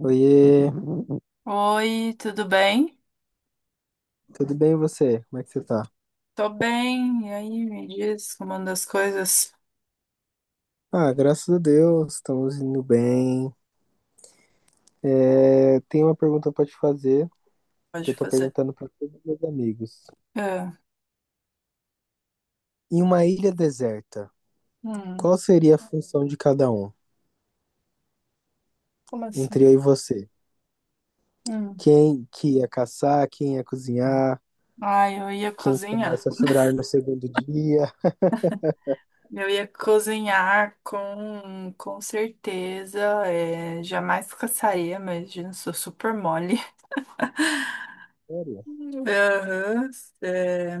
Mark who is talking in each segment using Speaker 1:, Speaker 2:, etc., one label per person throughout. Speaker 1: Oiê,
Speaker 2: Oi, tudo bem?
Speaker 1: tudo bem e você? Como é que você tá?
Speaker 2: Tô bem. E aí, me diz como anda as coisas?
Speaker 1: Ah, graças a Deus, estamos indo bem. É, tenho uma pergunta pra te fazer, que
Speaker 2: Pode
Speaker 1: eu tô
Speaker 2: fazer.
Speaker 1: perguntando pra todos os meus amigos.
Speaker 2: É.
Speaker 1: Em uma ilha deserta,
Speaker 2: Hum,
Speaker 1: qual seria a função de cada um,
Speaker 2: Como
Speaker 1: entre
Speaker 2: assim?
Speaker 1: eu e você?
Speaker 2: Hum.
Speaker 1: Quem que ia caçar, quem ia cozinhar,
Speaker 2: Ai, eu ia
Speaker 1: quem
Speaker 2: cozinhar.
Speaker 1: começa a chorar no segundo dia?
Speaker 2: Eu ia cozinhar com certeza. É, jamais caçaria, imagina, sou super mole.
Speaker 1: Sério?
Speaker 2: Aham, é,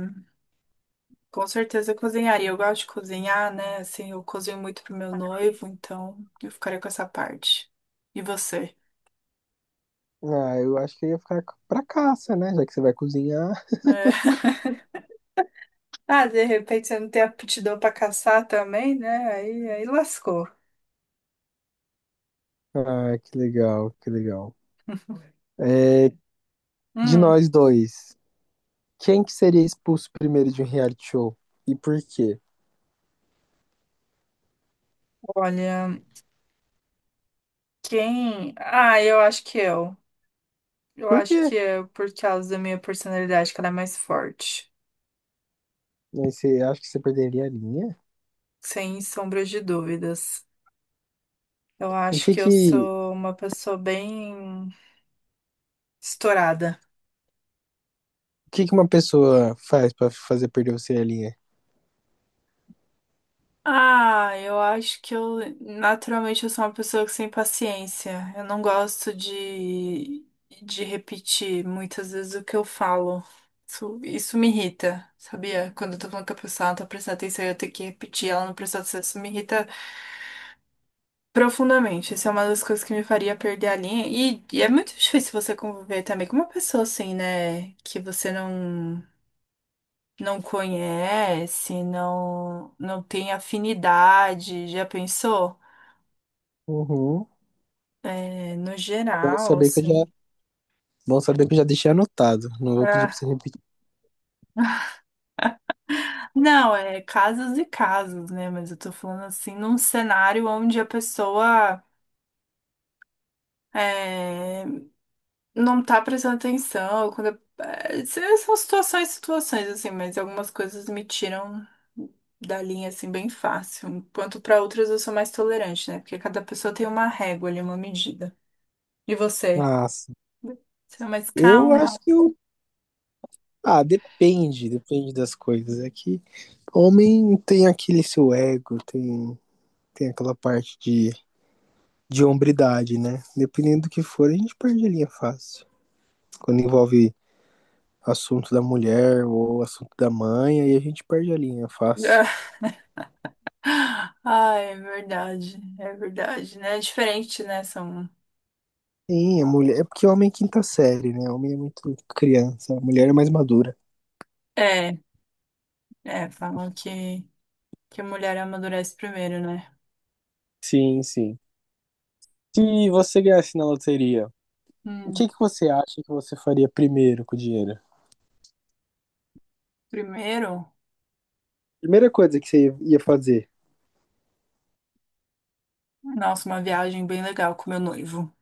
Speaker 2: com certeza eu cozinharia. Eu gosto de cozinhar, né? Assim, eu cozinho muito pro meu noivo, então eu ficaria com essa parte. E você?
Speaker 1: Ah, eu acho que eu ia ficar pra caça, né? Já que você vai cozinhar.
Speaker 2: É. Ah, de repente você não tem aptidão para caçar também, né? Aí lascou.
Speaker 1: Ah, que legal, que legal. É, de
Speaker 2: Hum,
Speaker 1: nós dois. Quem que seria expulso primeiro de um reality show? E por quê?
Speaker 2: olha, quem. Ah, eu acho que eu. Eu
Speaker 1: Por
Speaker 2: acho
Speaker 1: quê?
Speaker 2: que é por causa da minha personalidade que ela é mais forte.
Speaker 1: Você acha que você perderia a linha?
Speaker 2: Sem sombra de dúvidas. Eu
Speaker 1: O
Speaker 2: acho
Speaker 1: que
Speaker 2: que eu
Speaker 1: que,
Speaker 2: sou uma pessoa bem estourada.
Speaker 1: o que uma pessoa faz pra fazer perder você a linha?
Speaker 2: Ah, eu acho que eu naturalmente eu sou uma pessoa que sem paciência. Eu não gosto de repetir muitas vezes o que eu falo. Isso me irrita, sabia? Quando eu tô falando com a pessoa, ela não tá prestando atenção e eu tenho que repetir, ela não prestou atenção, isso me irrita profundamente. Isso é uma das coisas que me faria perder a linha. E é muito difícil você conviver também com uma pessoa assim, né? Que você não, não conhece, não, não tem afinidade. Já pensou?
Speaker 1: Uhum.
Speaker 2: É, no
Speaker 1: Bom
Speaker 2: geral,
Speaker 1: saber que eu já,
Speaker 2: assim.
Speaker 1: Bom saber que eu já deixei anotado. Não vou pedir pra você
Speaker 2: Ah,
Speaker 1: repetir.
Speaker 2: não, é casos e casos, né? Mas eu tô falando assim, num cenário onde a pessoa é, não tá prestando atenção. Quando, é, são situações, situações, assim, mas algumas coisas me tiram da linha, assim, bem fácil. Enquanto pra outras eu sou mais tolerante, né? Porque cada pessoa tem uma régua ali, uma medida. E você?
Speaker 1: Nossa,
Speaker 2: Você é mais
Speaker 1: eu
Speaker 2: calmo?
Speaker 1: acho que eu, ah, depende das coisas. É que homem tem aquele seu ego, tem aquela parte de hombridade, né? Dependendo do que for, a gente perde a linha fácil. Quando envolve assunto da mulher ou assunto da mãe, aí a gente perde a linha fácil.
Speaker 2: Ah, é verdade, né? É diferente, né? São.
Speaker 1: Sim, a mulher. É porque o homem é quinta série, né? O homem é muito criança, a mulher é mais madura.
Speaker 2: É, é, falam que, a mulher amadurece primeiro, né?
Speaker 1: Sim, sim. Se você ganhasse na loteria, o que,
Speaker 2: Hum,
Speaker 1: que você acha que você faria primeiro com o dinheiro?
Speaker 2: primeiro,
Speaker 1: Primeira coisa que você ia fazer,
Speaker 2: nossa, uma viagem bem legal com meu noivo.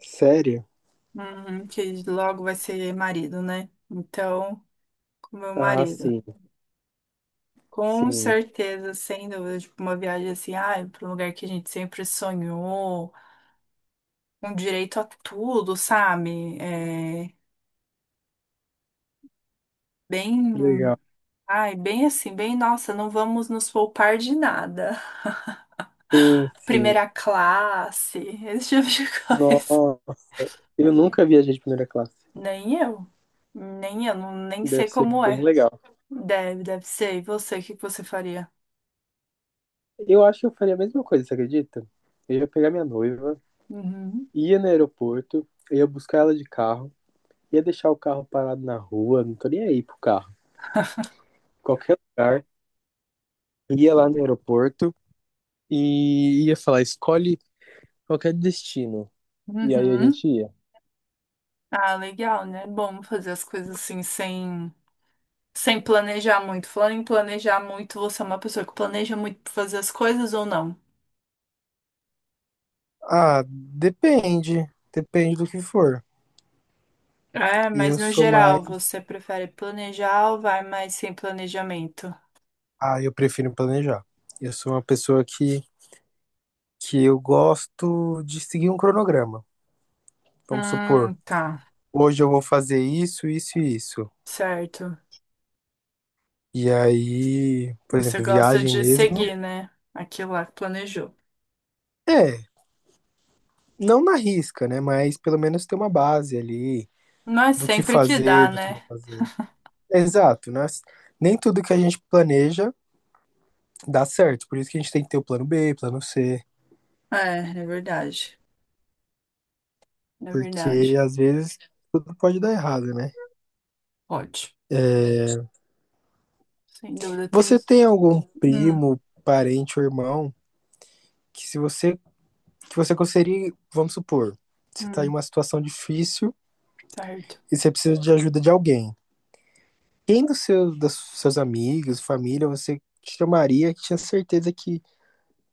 Speaker 1: sério?
Speaker 2: Uhum, que logo vai ser marido, né? Então, com meu
Speaker 1: Ah,
Speaker 2: marido.
Speaker 1: sim,
Speaker 2: Com
Speaker 1: sim,
Speaker 2: certeza, sem dúvida, tipo, uma viagem assim, ai, para um lugar que a gente sempre sonhou, um direito a tudo, sabe? É, bem,
Speaker 1: legal.
Speaker 2: ai, bem assim, bem, nossa, não vamos nos poupar de nada.
Speaker 1: Sim, sim.
Speaker 2: Primeira classe, esse tipo de coisa.
Speaker 1: Nossa, eu nunca viajei de primeira classe.
Speaker 2: Nem eu. Nem eu, não, nem sei
Speaker 1: Deve ser
Speaker 2: como
Speaker 1: bem
Speaker 2: é.
Speaker 1: legal.
Speaker 2: Deve ser. E você, o que que você faria?
Speaker 1: Eu acho que eu faria a mesma coisa, você acredita? Eu ia pegar minha noiva,
Speaker 2: Uhum.
Speaker 1: ia no aeroporto, eu ia buscar ela de carro, ia deixar o carro parado na rua, não tô nem aí pro carro. Qualquer lugar, ia lá no aeroporto e ia falar, escolhe qualquer destino. E aí a
Speaker 2: Uhum.
Speaker 1: gente ia.
Speaker 2: Ah, legal, né? Bom fazer as coisas assim sem planejar muito. Falando em planejar muito, você é uma pessoa que planeja muito pra fazer as coisas ou não?
Speaker 1: Ah, depende. Depende do que for.
Speaker 2: É,
Speaker 1: E
Speaker 2: mas
Speaker 1: eu
Speaker 2: no
Speaker 1: sou
Speaker 2: geral,
Speaker 1: mais.
Speaker 2: você prefere planejar ou vai mais sem planejamento?
Speaker 1: Ah, eu prefiro planejar. Eu sou uma pessoa que eu gosto de seguir um cronograma. Vamos supor.
Speaker 2: Tá,
Speaker 1: Hoje eu vou fazer isso, isso e isso.
Speaker 2: certo.
Speaker 1: E aí, por
Speaker 2: Você
Speaker 1: exemplo,
Speaker 2: gosta
Speaker 1: viagem
Speaker 2: de
Speaker 1: mesmo.
Speaker 2: seguir, né? Aquilo lá que planejou.
Speaker 1: É, não na risca, né? Mas pelo menos ter uma base ali
Speaker 2: Mas
Speaker 1: do que
Speaker 2: sempre que dá,
Speaker 1: fazer, do que não
Speaker 2: né?
Speaker 1: fazer. Exato, né? Nem tudo que a gente planeja dá certo. Por isso que a gente tem que ter o plano B, plano C.
Speaker 2: É, é verdade. É
Speaker 1: Porque
Speaker 2: verdade.
Speaker 1: às vezes tudo pode dar errado, né?
Speaker 2: Pode. Sem dúvida, tem.
Speaker 1: Você tem algum
Speaker 2: Hum,
Speaker 1: primo, parente ou irmão que se você que você conseguiria, vamos supor, você tá em
Speaker 2: hum,
Speaker 1: uma situação difícil
Speaker 2: certo.
Speaker 1: e você precisa de ajuda de alguém. Quem dos seus amigos, família, você chamaria que tinha certeza que,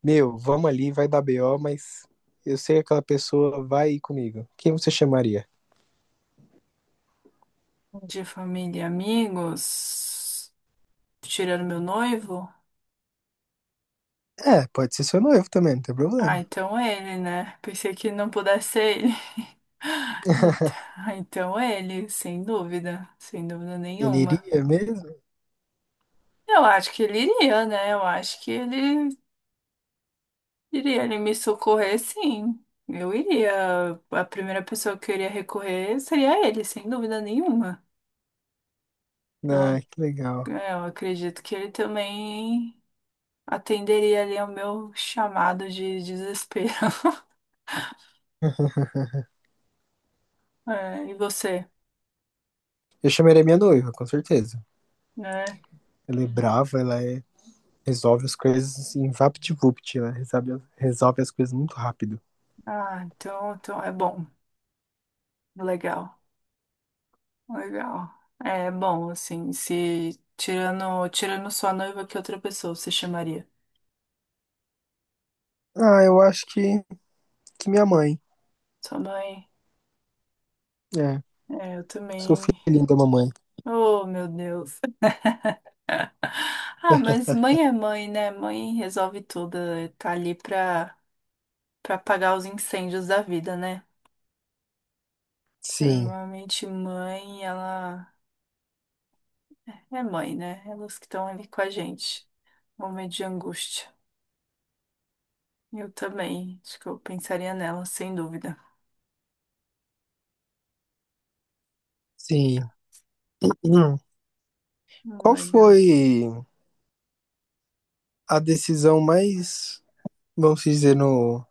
Speaker 1: meu, vamos ali, vai dar BO, mas eu sei que aquela pessoa vai ir comigo. Quem você chamaria?
Speaker 2: De família e amigos. Tirando meu noivo?
Speaker 1: É, pode ser seu noivo também, não tem
Speaker 2: Ah,
Speaker 1: problema.
Speaker 2: então é ele, né? Pensei que não pudesse ser ele. Então, então, é ele, sem dúvida. Sem dúvida
Speaker 1: Ele
Speaker 2: nenhuma.
Speaker 1: iria mesmo?
Speaker 2: Eu acho que ele iria, né? Eu acho que ele iria. Ele me socorrer, sim. Eu iria. A primeira pessoa que eu iria recorrer seria ele, sem dúvida nenhuma. Então,
Speaker 1: Ah, que legal.
Speaker 2: É, eu acredito que ele também atenderia ali ao meu chamado de desespero. É, e você,
Speaker 1: Eu chamaria minha noiva, com certeza.
Speaker 2: né?
Speaker 1: Ela é brava, ela é, resolve as coisas assim, vapt-vupt, resolve as coisas muito rápido.
Speaker 2: Ah, então é bom, legal, legal. É bom, assim, se tirando sua noiva, que outra pessoa você chamaria?
Speaker 1: Ah, que minha mãe.
Speaker 2: Sua mãe?
Speaker 1: É,
Speaker 2: É, eu
Speaker 1: sou
Speaker 2: também.
Speaker 1: filhinho da mamãe.
Speaker 2: Oh, meu Deus. Ah, mas mãe é mãe, né? Mãe resolve tudo, né? Tá ali pra, pra apagar os incêndios da vida, né?
Speaker 1: Sim,
Speaker 2: Normalmente mãe, ela é mãe, né? Elas que estão ali com a gente. Momento de angústia. Eu também. Acho que eu pensaria nela, sem dúvida.
Speaker 1: sim. Hum. Qual
Speaker 2: Legal.
Speaker 1: foi a decisão mais, vamos dizer, no,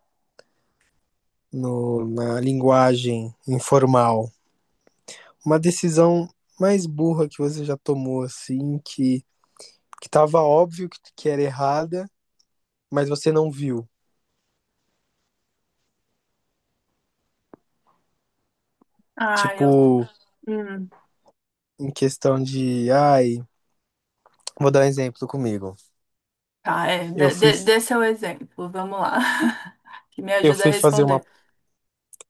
Speaker 1: no- na linguagem informal? Uma decisão mais burra que você já tomou, assim, que tava óbvio que era errada, mas você não viu.
Speaker 2: Ah, eu.
Speaker 1: Tipo,
Speaker 2: Hum,
Speaker 1: em questão de, ai, vou dar um exemplo comigo.
Speaker 2: tá, é.
Speaker 1: Eu
Speaker 2: dê
Speaker 1: fui,
Speaker 2: dê- dê seu exemplo. Vamos lá. Que me
Speaker 1: eu
Speaker 2: ajuda a
Speaker 1: fui fazer uma,
Speaker 2: responder.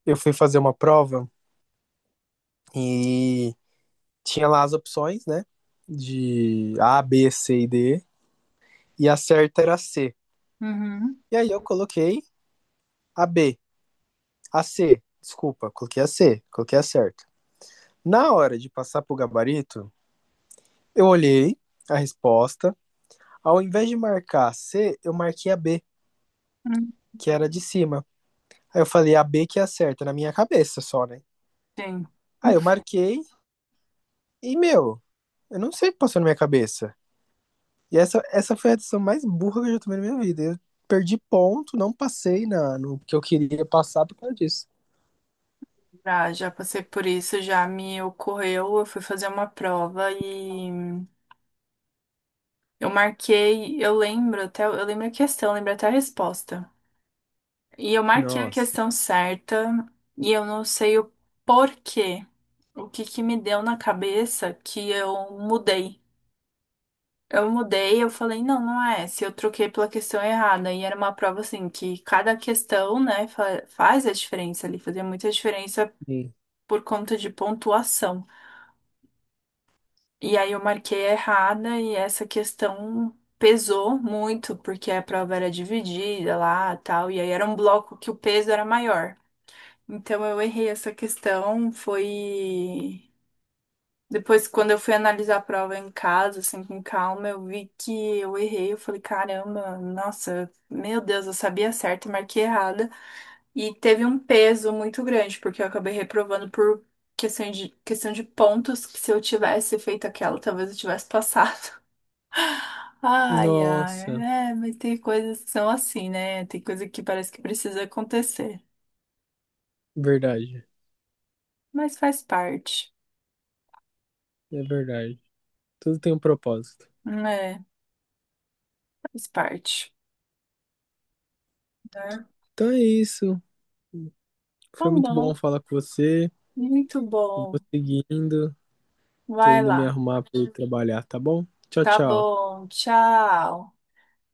Speaker 1: eu fui fazer uma prova e tinha lá as opções, né? De A, B, C e D, e a certa era C.
Speaker 2: Uhum.
Speaker 1: E aí eu coloquei a B, a C, desculpa, coloquei a certa. Na hora de passar pro gabarito, eu olhei a resposta, ao invés de marcar a C, eu marquei a B,
Speaker 2: Hum,
Speaker 1: que era de cima. Aí eu falei a B que é a certa, na minha cabeça só, né?
Speaker 2: sim,
Speaker 1: Aí eu marquei e, meu, eu não sei o que passou na minha cabeça. E essa foi a decisão mais burra que eu já tomei na minha vida. Eu perdi ponto, não passei no que eu queria passar por causa disso.
Speaker 2: já passei por isso, já me ocorreu. Eu fui fazer uma prova e eu marquei. Eu lembro até. Eu lembro a questão, lembro até a resposta. E eu marquei a
Speaker 1: Nossa.
Speaker 2: questão certa e eu não sei o porquê. O que que me deu na cabeça que eu mudei. Eu mudei, eu falei, não, não é essa. Eu troquei pela questão errada. E era uma prova assim, que cada questão, né, faz a diferença ali, fazia muita diferença
Speaker 1: Sim.
Speaker 2: por conta de pontuação. E aí eu marquei errada e essa questão pesou muito, porque a prova era dividida lá, tal, e aí era um bloco que o peso era maior. Então eu errei essa questão, foi depois quando eu fui analisar a prova em casa, assim, com calma, eu vi que eu errei, eu falei, caramba, nossa, meu Deus, eu sabia certo, eu marquei errada. E teve um peso muito grande, porque eu acabei reprovando por questão de pontos que se eu tivesse feito aquela, talvez eu tivesse passado. Ai, ai,
Speaker 1: Nossa,
Speaker 2: é, mas tem coisas que são assim, né? Tem coisa que parece que precisa acontecer,
Speaker 1: verdade.
Speaker 2: mas faz parte.
Speaker 1: É verdade. Tudo tem um propósito.
Speaker 2: Né? Faz parte, né?
Speaker 1: Então é isso.
Speaker 2: Tá
Speaker 1: Foi muito bom
Speaker 2: bom,
Speaker 1: falar com você.
Speaker 2: muito
Speaker 1: Eu vou
Speaker 2: bom.
Speaker 1: seguindo. Tô
Speaker 2: Vai
Speaker 1: indo me
Speaker 2: lá.
Speaker 1: arrumar para ir trabalhar, tá bom? Tchau,
Speaker 2: Tá
Speaker 1: tchau.
Speaker 2: bom, tchau.